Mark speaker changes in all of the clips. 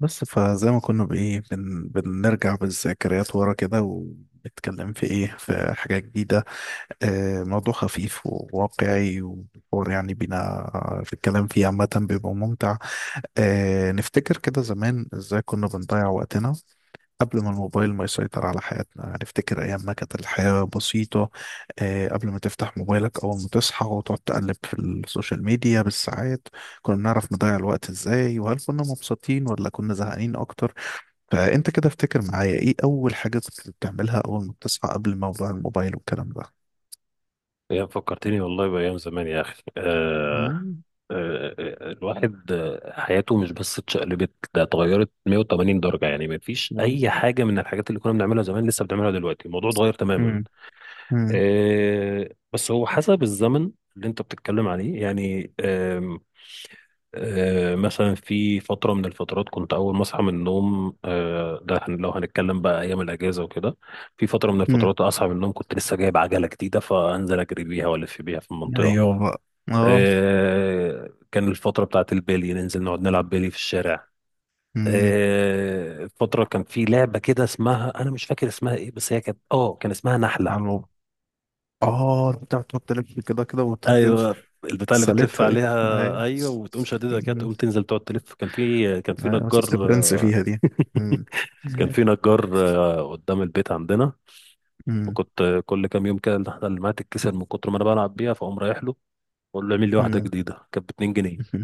Speaker 1: بس فزي ما كنا بإيه بنرجع بالذكريات ورا كده، ونتكلم في إيه، في حاجة جديدة. موضوع خفيف وواقعي، والحوار يعني بينا في الكلام فيه عامة بيبقى ممتع. نفتكر كده زمان إزاي كنا بنضيع وقتنا قبل ما الموبايل ما يسيطر على حياتنا. نفتكر أيام ما كانت الحياة بسيطة. قبل ما تفتح موبايلك أول ما تصحى وتقعد تقلب في السوشيال ميديا بالساعات، كنا بنعرف نضيع الوقت إزاي؟ وهل كنا مبسوطين ولا كنا زهقانين أكتر؟ فانت كده افتكر معايا ايه اول حاجه كنت بتعملها اول ما بتصحى قبل موضوع الموبايل والكلام ده.
Speaker 2: فكرتني والله بأيام زمان يا أخي.
Speaker 1: مم.
Speaker 2: الواحد حياته مش بس اتشقلبت، ده اتغيرت 180 درجة. يعني ما فيش
Speaker 1: يلا.
Speaker 2: أي حاجة من الحاجات اللي كنا بنعملها زمان لسه بنعملها دلوقتي، الموضوع اتغير تماما.
Speaker 1: امم. امم.
Speaker 2: بس هو حسب الزمن اللي أنت بتتكلم عليه يعني. مثلا في فترة من الفترات كنت أول ما أصحى من النوم، لو هنتكلم بقى أيام الأجازة وكده. في فترة من
Speaker 1: امم.
Speaker 2: الفترات أصحى من النوم كنت لسه جايب عجلة جديدة فأنزل أجري بيها وألف بيها في المنطقة.
Speaker 1: ايوه بقى. اه.
Speaker 2: كان الفترة بتاعت البيلي، ننزل نقعد نلعب بيلي في الشارع.
Speaker 1: امم.
Speaker 2: فترة كان في لعبة كده اسمها، أنا مش فاكر اسمها إيه، بس هي كان اسمها
Speaker 1: على
Speaker 2: نحلة.
Speaker 1: الموبايل. اه، انت بتقعد تلف كده وتروح جايب.
Speaker 2: ايوه البتاع اللي بتلف
Speaker 1: سالتها دي.
Speaker 2: عليها،
Speaker 1: ايوه.
Speaker 2: ايوه، وتقوم شاددها كده
Speaker 1: امم.
Speaker 2: تقوم تنزل تقعد تلف. كان في
Speaker 1: ايوه، كنت
Speaker 2: نجار
Speaker 1: برنس
Speaker 2: آه،
Speaker 1: فيها دي. امم.
Speaker 2: كان في نجار، قدام البيت عندنا.
Speaker 1: امم.
Speaker 2: وكنت، كل كام يوم كده النحله اللي معايا تتكسر من كتر ما انا بلعب بيها، فاقوم رايح له واقول له اعمل لي واحده
Speaker 1: امم.
Speaker 2: جديده. كانت ب 2 جنيه.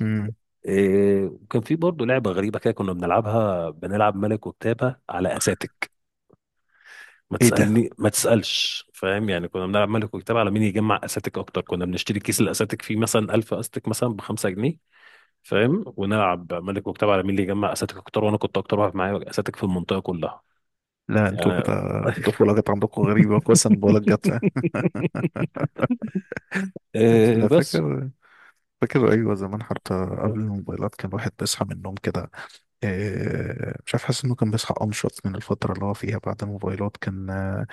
Speaker 1: امم.
Speaker 2: إيه، وكان في برضه لعبة غريبة كده كنا بنلعبها، بنلعب ملك وكتابة على أساتك.
Speaker 1: ايه ده؟
Speaker 2: ما تسألش فاهم، يعني كنا بنلعب ملك وكتابة على مين يجمع أساتك أكتر. كنا بنشتري كيس الأساتك فيه مثلا 1000 أستك مثلا بخمسة جنيه، فاهم، ونلعب ملك وكتابة على مين اللي يجمع أساتك أكتر، وأنا كنت أكتر واحد معايا أساتك في المنطقة كلها
Speaker 1: لا انتوا
Speaker 2: يعني.
Speaker 1: كده الطفوله جت عندكم غريبه، كويس إن بقولك جت.
Speaker 2: إيه
Speaker 1: انا
Speaker 2: بس.
Speaker 1: فاكر. فاكر، ايوه زمان حتى. قبل الموبايلات كان الواحد بيصحى من النوم كده، مش عارف، حاسس انه كان بيصحى انشط من الفتره اللي هو فيها بعد الموبايلات. كان آه،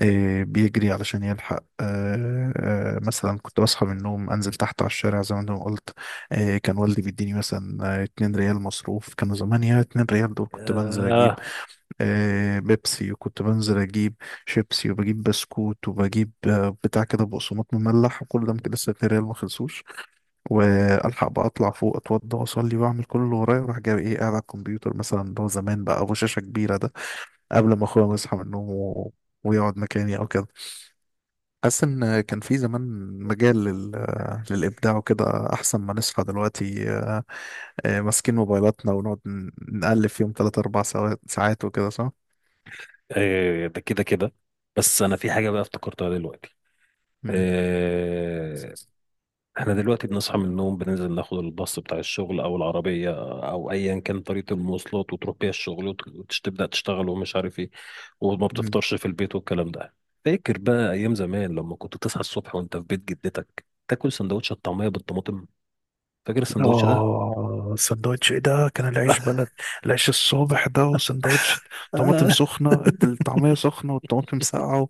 Speaker 1: آه، بيجري علشان يلحق. مثلا كنت بصحى من النوم انزل تحت على الشارع زي ما انا قلت. كان والدي بيديني مثلا 2 ريال مصروف. كانوا زمان، يا 2 ريال دول كنت بنزل
Speaker 2: آه.
Speaker 1: اجيب بيبسي، وكنت بنزل اجيب شيبسي، وبجيب بسكوت، وبجيب بتاع كده بقسماط مملح، وكل ده ممكن لسه 2 ريال ما خلصوش. والحق بقى اطلع فوق، اتوضى واصلي واعمل كل اللي ورايا، واروح جاي ايه، قاعد على الكمبيوتر مثلا اللي هو زمان بقى ابو شاشه كبيره ده، قبل ما اخويا يصحى من النوم ويقعد مكاني او كده. حاسس ان كان في زمان مجال للابداع وكده، احسن ما نصحى دلوقتي ماسكين موبايلاتنا ونقعد نقلب فيهم 3 4 ساعات وكده، صح؟
Speaker 2: إيه ده كده كده. بس أنا في حاجة بقى افتكرتها دلوقتي آه، احنا دلوقتي بنصحى من النوم بننزل ناخد الباص بتاع الشغل او العربية او ايا كان طريقة المواصلات، وتروح بيها الشغل وتبدأ تشتغل ومش عارف ايه، وما
Speaker 1: مم.
Speaker 2: بتفطرش في البيت والكلام ده. فاكر بقى ايام زمان لما كنت تصحى الصبح وانت في بيت جدتك تاكل سندوتش الطعمية بالطماطم؟ فاكر السندوتش ده؟
Speaker 1: اه، سندوتش ايه ده، كان العيش بلد، العيش الصبح ده، وسندوتش طماطم
Speaker 2: آه.
Speaker 1: سخنة، الطعمية سخنة والطماطم ساقعة،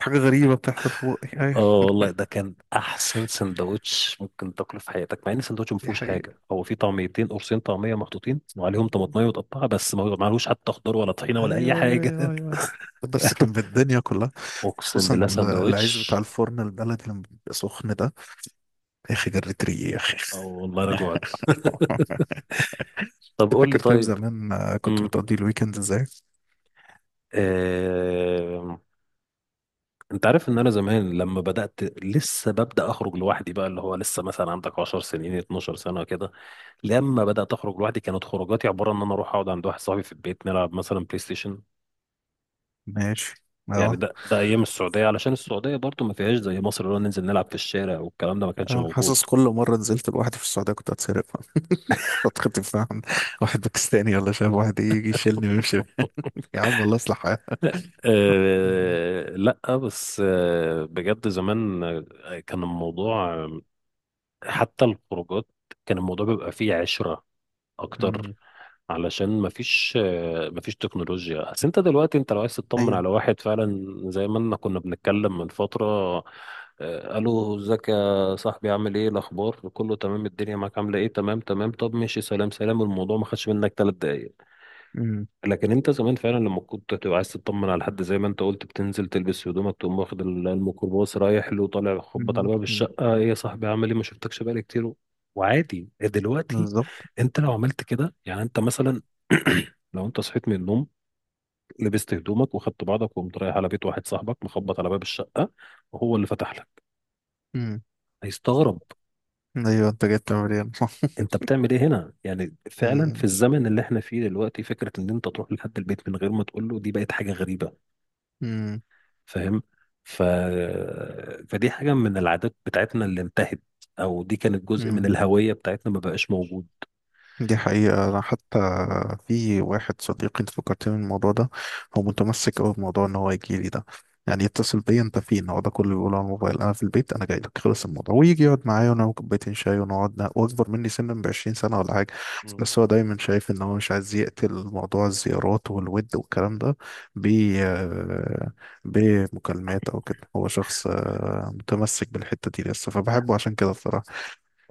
Speaker 1: حاجة غريبة بتحصل في بقي.
Speaker 2: اه
Speaker 1: ايوه.
Speaker 2: والله ده كان احسن سندوتش ممكن تاكله في حياتك، مع ان السندوتش ما
Speaker 1: دي
Speaker 2: فيهوش حاجه.
Speaker 1: حقيقة.
Speaker 2: هو فيه طعميتين، قرصين طعميه محطوطين وعليهم طماطميه متقطعه بس، ما عليهوش حتى خضار ولا طحينه ولا اي
Speaker 1: ايوه. ايوه
Speaker 2: حاجه.
Speaker 1: ايوه ايوه أيوه. بس كان بالدنيا كلها
Speaker 2: اقسم
Speaker 1: خصوصا
Speaker 2: بالله
Speaker 1: ال- العيش بتاع
Speaker 2: سندوتش.
Speaker 1: الفرن البلدي لما بيبقى سخن ده، يا اخي جريت ريقي يا اخي.
Speaker 2: او والله انا جوعت. طب
Speaker 1: انت
Speaker 2: قول لي
Speaker 1: فاكر طيب
Speaker 2: طيب.
Speaker 1: زمان كنت
Speaker 2: امم
Speaker 1: بتقضي الويكند ازاي؟
Speaker 2: آه... انت عارف ان انا زمان لما بدات، لسه ببدا اخرج لوحدي بقى، اللي هو لسه مثلا عندك 10 سنين 12 سنه كده. لما بدات اخرج لوحدي كانت خروجاتي عباره ان انا اروح اقعد عند واحد صاحبي في البيت نلعب مثلا بلاي ستيشن.
Speaker 1: ماشي.
Speaker 2: يعني
Speaker 1: اه.
Speaker 2: ده ايام السعوديه، علشان السعوديه برضو ما فيهاش زي مصر، اللي هو ننزل نلعب في الشارع والكلام ده ما كانش
Speaker 1: انا
Speaker 2: موجود.
Speaker 1: حاسس كل مرة نزلت لوحدي في السعودية كنت هتسرق، فترة الفهم، واحد باكستاني ولا شاب واحد يجي يشيلني ويمشي. يا عم الله يصلح حالك. أمم.
Speaker 2: أه لا، بس بجد زمان، كان الموضوع، حتى الخروجات، كان الموضوع بيبقى فيه عشرة أكتر،
Speaker 1: أمم.
Speaker 2: علشان مفيش تكنولوجيا. بس أنت دلوقتي، أنت لو عايز تطمن
Speaker 1: ايوه.
Speaker 2: على واحد فعلا زي ما كنا بنتكلم من فترة، ألو ازيك يا صاحبي، عامل إيه، الأخبار كله تمام، الدنيا معاك عاملة إيه، تمام تمام، طب ماشي سلام سلام، الموضوع ما خدش منك تلات دقايق.
Speaker 1: أمم.
Speaker 2: لكن انت زمان فعلا لما كنت تبقى عايز تطمن على حد زي ما انت قلت بتنزل تلبس هدومك، تقوم واخد الميكروباص رايح له، طالع خبط على
Speaker 1: أمم.
Speaker 2: باب
Speaker 1: أمم.
Speaker 2: الشقه، ايه يا صاحبي عامل ايه ما شفتكش بقالي كتير. وعادي دلوقتي
Speaker 1: بالظبط.
Speaker 2: انت لو عملت كده يعني، انت مثلا، لو انت صحيت من النوم لبست هدومك وخدت بعضك وقمت رايح على بيت واحد صاحبك مخبط على باب الشقه، وهو اللي فتح لك،
Speaker 1: أمم.
Speaker 2: هيستغرب.
Speaker 1: ايوه، انت جبت مليان صح.
Speaker 2: انت بتعمل ايه هنا؟ يعني فعلا في
Speaker 1: أمم.
Speaker 2: الزمن اللي احنا فيه دلوقتي، فكره ان انت تروح لحد البيت من غير ما تقول له، دي بقت حاجه غريبه.
Speaker 1: أمم.
Speaker 2: فاهم ف... فدي حاجة من العادات بتاعتنا اللي انتهت، أو دي كانت جزء من
Speaker 1: أمم.
Speaker 2: الهوية بتاعتنا ما بقاش موجود.
Speaker 1: دي حقيقة. أنا حتى في واحد صديقي، أنت فكرتني بالموضوع ده، هو متمسك أوي بموضوع إن هو يجي لي ده، يعني يتصل بيا أنت فين، هو ده كله بيقوله على الموبايل، أنا في البيت أنا جاي لك خلص الموضوع، ويجي يقعد معايا ونعمل كوبايتين شاي ونقعد وأكبر مني سنا ب20 سنة ولا حاجة.
Speaker 2: مم.
Speaker 1: بس هو دايما شايف إن هو مش عايز يقتل موضوع الزيارات والود والكلام ده ب آه، بمكالمات أو كده. هو شخص متمسك بالحتة دي لسه، فبحبه عشان كده.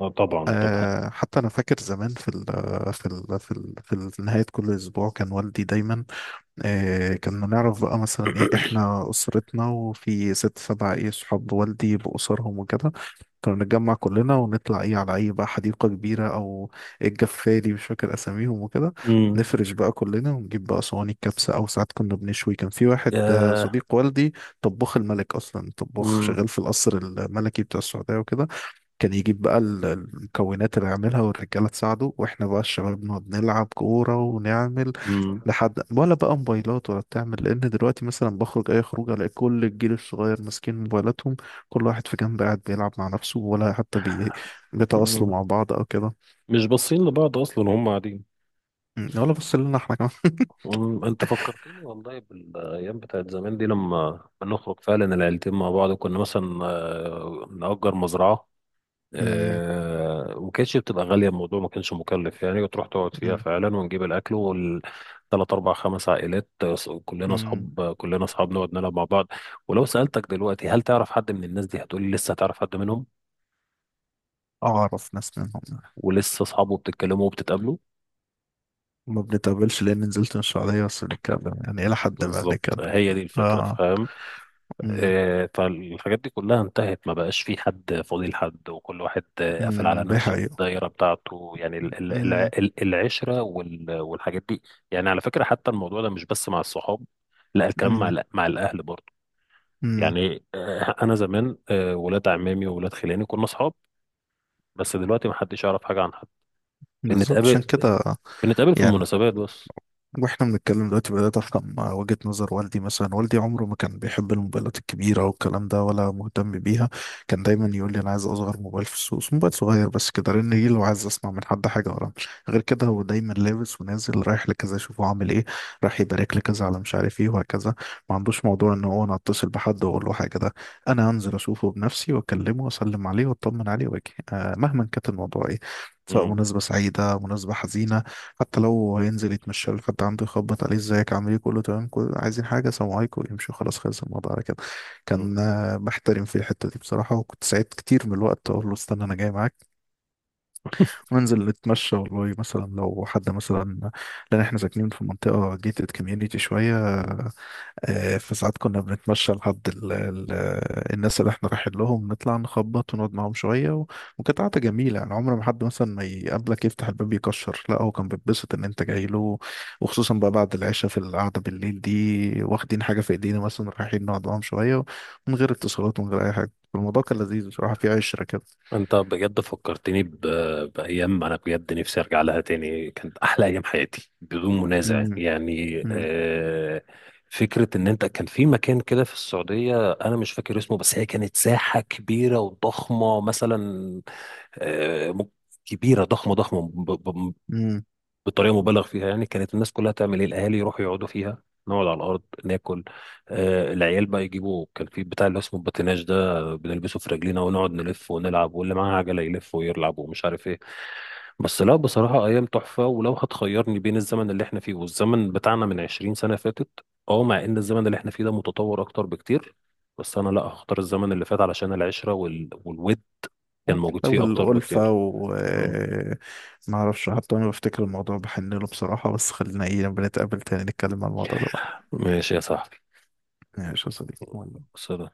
Speaker 2: اه طبعا.
Speaker 1: حتى انا فاكر زمان في نهايه كل اسبوع كان والدي دايما كنا نعرف بقى، مثلا ايه، احنا اسرتنا وفي ست سبع ايه صحاب والدي باسرهم وكده، كنا نتجمع كلنا ونطلع ايه، على اي بقى حديقه كبيره او الجفاري، مش فاكر اساميهم وكده،
Speaker 2: مم.
Speaker 1: نفرش بقى كلنا ونجيب بقى صواني الكبسه، او ساعات كنا بنشوي. كان في واحد
Speaker 2: يا
Speaker 1: صديق والدي طباخ الملك، اصلا طباخ
Speaker 2: مم.
Speaker 1: شغال في القصر الملكي بتاع السعوديه وكده، كان يجيب بقى المكونات اللي يعملها، والرجالة تساعده، واحنا بقى الشباب نقعد نلعب كورة ونعمل
Speaker 2: مم.
Speaker 1: لحد ولا بقى موبايلات ولا بتعمل. لان دلوقتي مثلا بخرج اي خروج الاقي كل الجيل الصغير ماسكين موبايلاتهم، كل واحد في جنب قاعد بيلعب مع نفسه، ولا حتى بيتواصلوا
Speaker 2: مم.
Speaker 1: مع بعض او كده.
Speaker 2: مش باصين لبعض أصلا هم قاعدين.
Speaker 1: أمم، ولا بص لنا احنا كمان.
Speaker 2: مم. أنت فكرتني والله بالأيام بتاعت زمان دي. لما بنخرج فعلا العيلتين مع بعض كنا مثلا، نأجر مزرعة
Speaker 1: أمم.
Speaker 2: آه، وكانتش بتبقى غالية، الموضوع ما كانش مكلف يعني، وتروح تقعد فيها
Speaker 1: أمم.
Speaker 2: فعلا ونجيب الأكل، والتلات أربع خمس عائلات، كلنا
Speaker 1: أمم.
Speaker 2: أصحاب كلنا أصحاب نقعد نلعب مع بعض. ولو سألتك دلوقتي هل تعرف حد من الناس دي، هتقولي لسه هتعرف حد منهم
Speaker 1: اعرف ناس منهم.
Speaker 2: ولسه أصحابه، بتتكلموا وبتتقابلوا؟
Speaker 1: ما بنتقابلش لان نزلت من السعودية، بس بنتكلم يعني الى حد ما
Speaker 2: بالظبط،
Speaker 1: بنتكلم.
Speaker 2: هي دي الفكرة
Speaker 1: اه. أمم.
Speaker 2: آه، فالحاجات دي كلها انتهت، ما بقاش في حد فاضي لحد، وكل واحد، قافل على
Speaker 1: أمم. ده
Speaker 2: نفسه
Speaker 1: حقيقة.
Speaker 2: الدايرة بتاعته، يعني
Speaker 1: أمم.
Speaker 2: العشرة والحاجات دي. يعني على فكرة حتى الموضوع ده مش بس مع الصحاب، لا، الكلام مع
Speaker 1: امم.
Speaker 2: مع الأهل برضه.
Speaker 1: امم.
Speaker 2: يعني، أنا زمان، ولاد عمامي وولاد خلاني كنا صحاب، بس دلوقتي ما حدش يعرف حاجة عن حد.
Speaker 1: بالظبط عشان
Speaker 2: بنتقابل
Speaker 1: كده.
Speaker 2: بنتقابل في
Speaker 1: يعني
Speaker 2: المناسبات بس.
Speaker 1: واحنا بنتكلم دلوقتي بدأت افهم وجهة نظر والدي. مثلا والدي عمره ما كان بيحب الموبايلات الكبيرة والكلام ده، ولا مهتم بيها. كان دايما يقول لي انا عايز اصغر موبايل في السوق، موبايل صغير بس كده، لان ايه، لو عايز اسمع من حد حاجة ورا، غير كده هو دايما لابس ونازل رايح لكذا اشوفه عامل ايه، راح يبارك لكذا، على مش عارف ايه، وهكذا. ما عندوش موضوع ان هو انا اتصل بحد واقول له حاجة ده، انا انزل اشوفه بنفسي واكلمه واسلم عليه واطمن عليه واجي، آه مهما كانت الموضوع ايه، سواء
Speaker 2: مم.
Speaker 1: مناسبة سعيدة مناسبة حزينة، حتى لو هينزل يتمشى لك حد عنده، يخبط عليه، ازيك، عامل ايه، كله تمام، كله عايزين حاجه، سلام عليكم، يمشوا، خلاص خلص الموضوع على كده. كان بحترم في الحته دي بصراحه، وكنت ساعات كتير من الوقت اقول له استنى انا جاي معاك،
Speaker 2: مم.
Speaker 1: وننزل نتمشى، والله مثلا لو حد مثلا، لان احنا ساكنين في منطقه جيتد كوميونيتي شويه، فساعات كنا بنتمشى لحد ال ال الناس اللي احنا رايحين لهم، نطلع نخبط ونقعد معاهم شوية وكانت قعدة جميلة يعني، عمر ما حد مثلا ما يقابلك يفتح الباب يكشر، لا هو كان بيتبسط ان انت جاي له. وخصوصا بقى بعد العشاء في القعدة بالليل دي واخدين حاجة في ايدينا مثلا رايحين نقعد معاهم شوية، من غير اتصالات ومن غير اي حاجة، الموضوع كان لذيذ بصراحة، في عشرة كده.
Speaker 2: انت بجد فكرتني بايام انا بجد نفسي ارجع لها تاني، كانت احلى ايام حياتي بدون منازع
Speaker 1: امم.
Speaker 2: يعني
Speaker 1: إمم.
Speaker 2: آه... فكره ان انت كان في مكان كده في السعوديه، انا مش فاكر اسمه، بس هي كانت ساحه كبيره وضخمه مثلا آه، م- كبيره ضخمه ضخمه
Speaker 1: إمم.
Speaker 2: بطريقه مبالغ فيها. يعني كانت الناس كلها تعمل ايه، الاهالي يروحوا يقعدوا فيها، نقعد على الارض ناكل. العيال بقى يجيبوا، كان في بتاع اللي اسمه الباتيناج ده بنلبسه في رجلينا ونقعد نلف ونلعب، واللي معاه عجله يلف ويلعب ومش عارف ايه. بس لا بصراحه ايام تحفه، ولو هتخيرني بين الزمن اللي احنا فيه والزمن بتاعنا من 20 سنه فاتت، اه مع ان الزمن اللي احنا فيه ده متطور اكتر بكتير، بس انا لا، هختار الزمن اللي فات، علشان العشره والود كان موجود فيه اكتر بكتير.
Speaker 1: والألفة، وما
Speaker 2: مم.
Speaker 1: أعرفش، حتى أنا بفتكر الموضوع بحن له بصراحة. بس خلينا إيه، لما نتقابل تاني نتكلم عن الموضوع ده بقى.
Speaker 2: ماشي يا صاحبي.
Speaker 1: ماشي يا صديقي.
Speaker 2: بس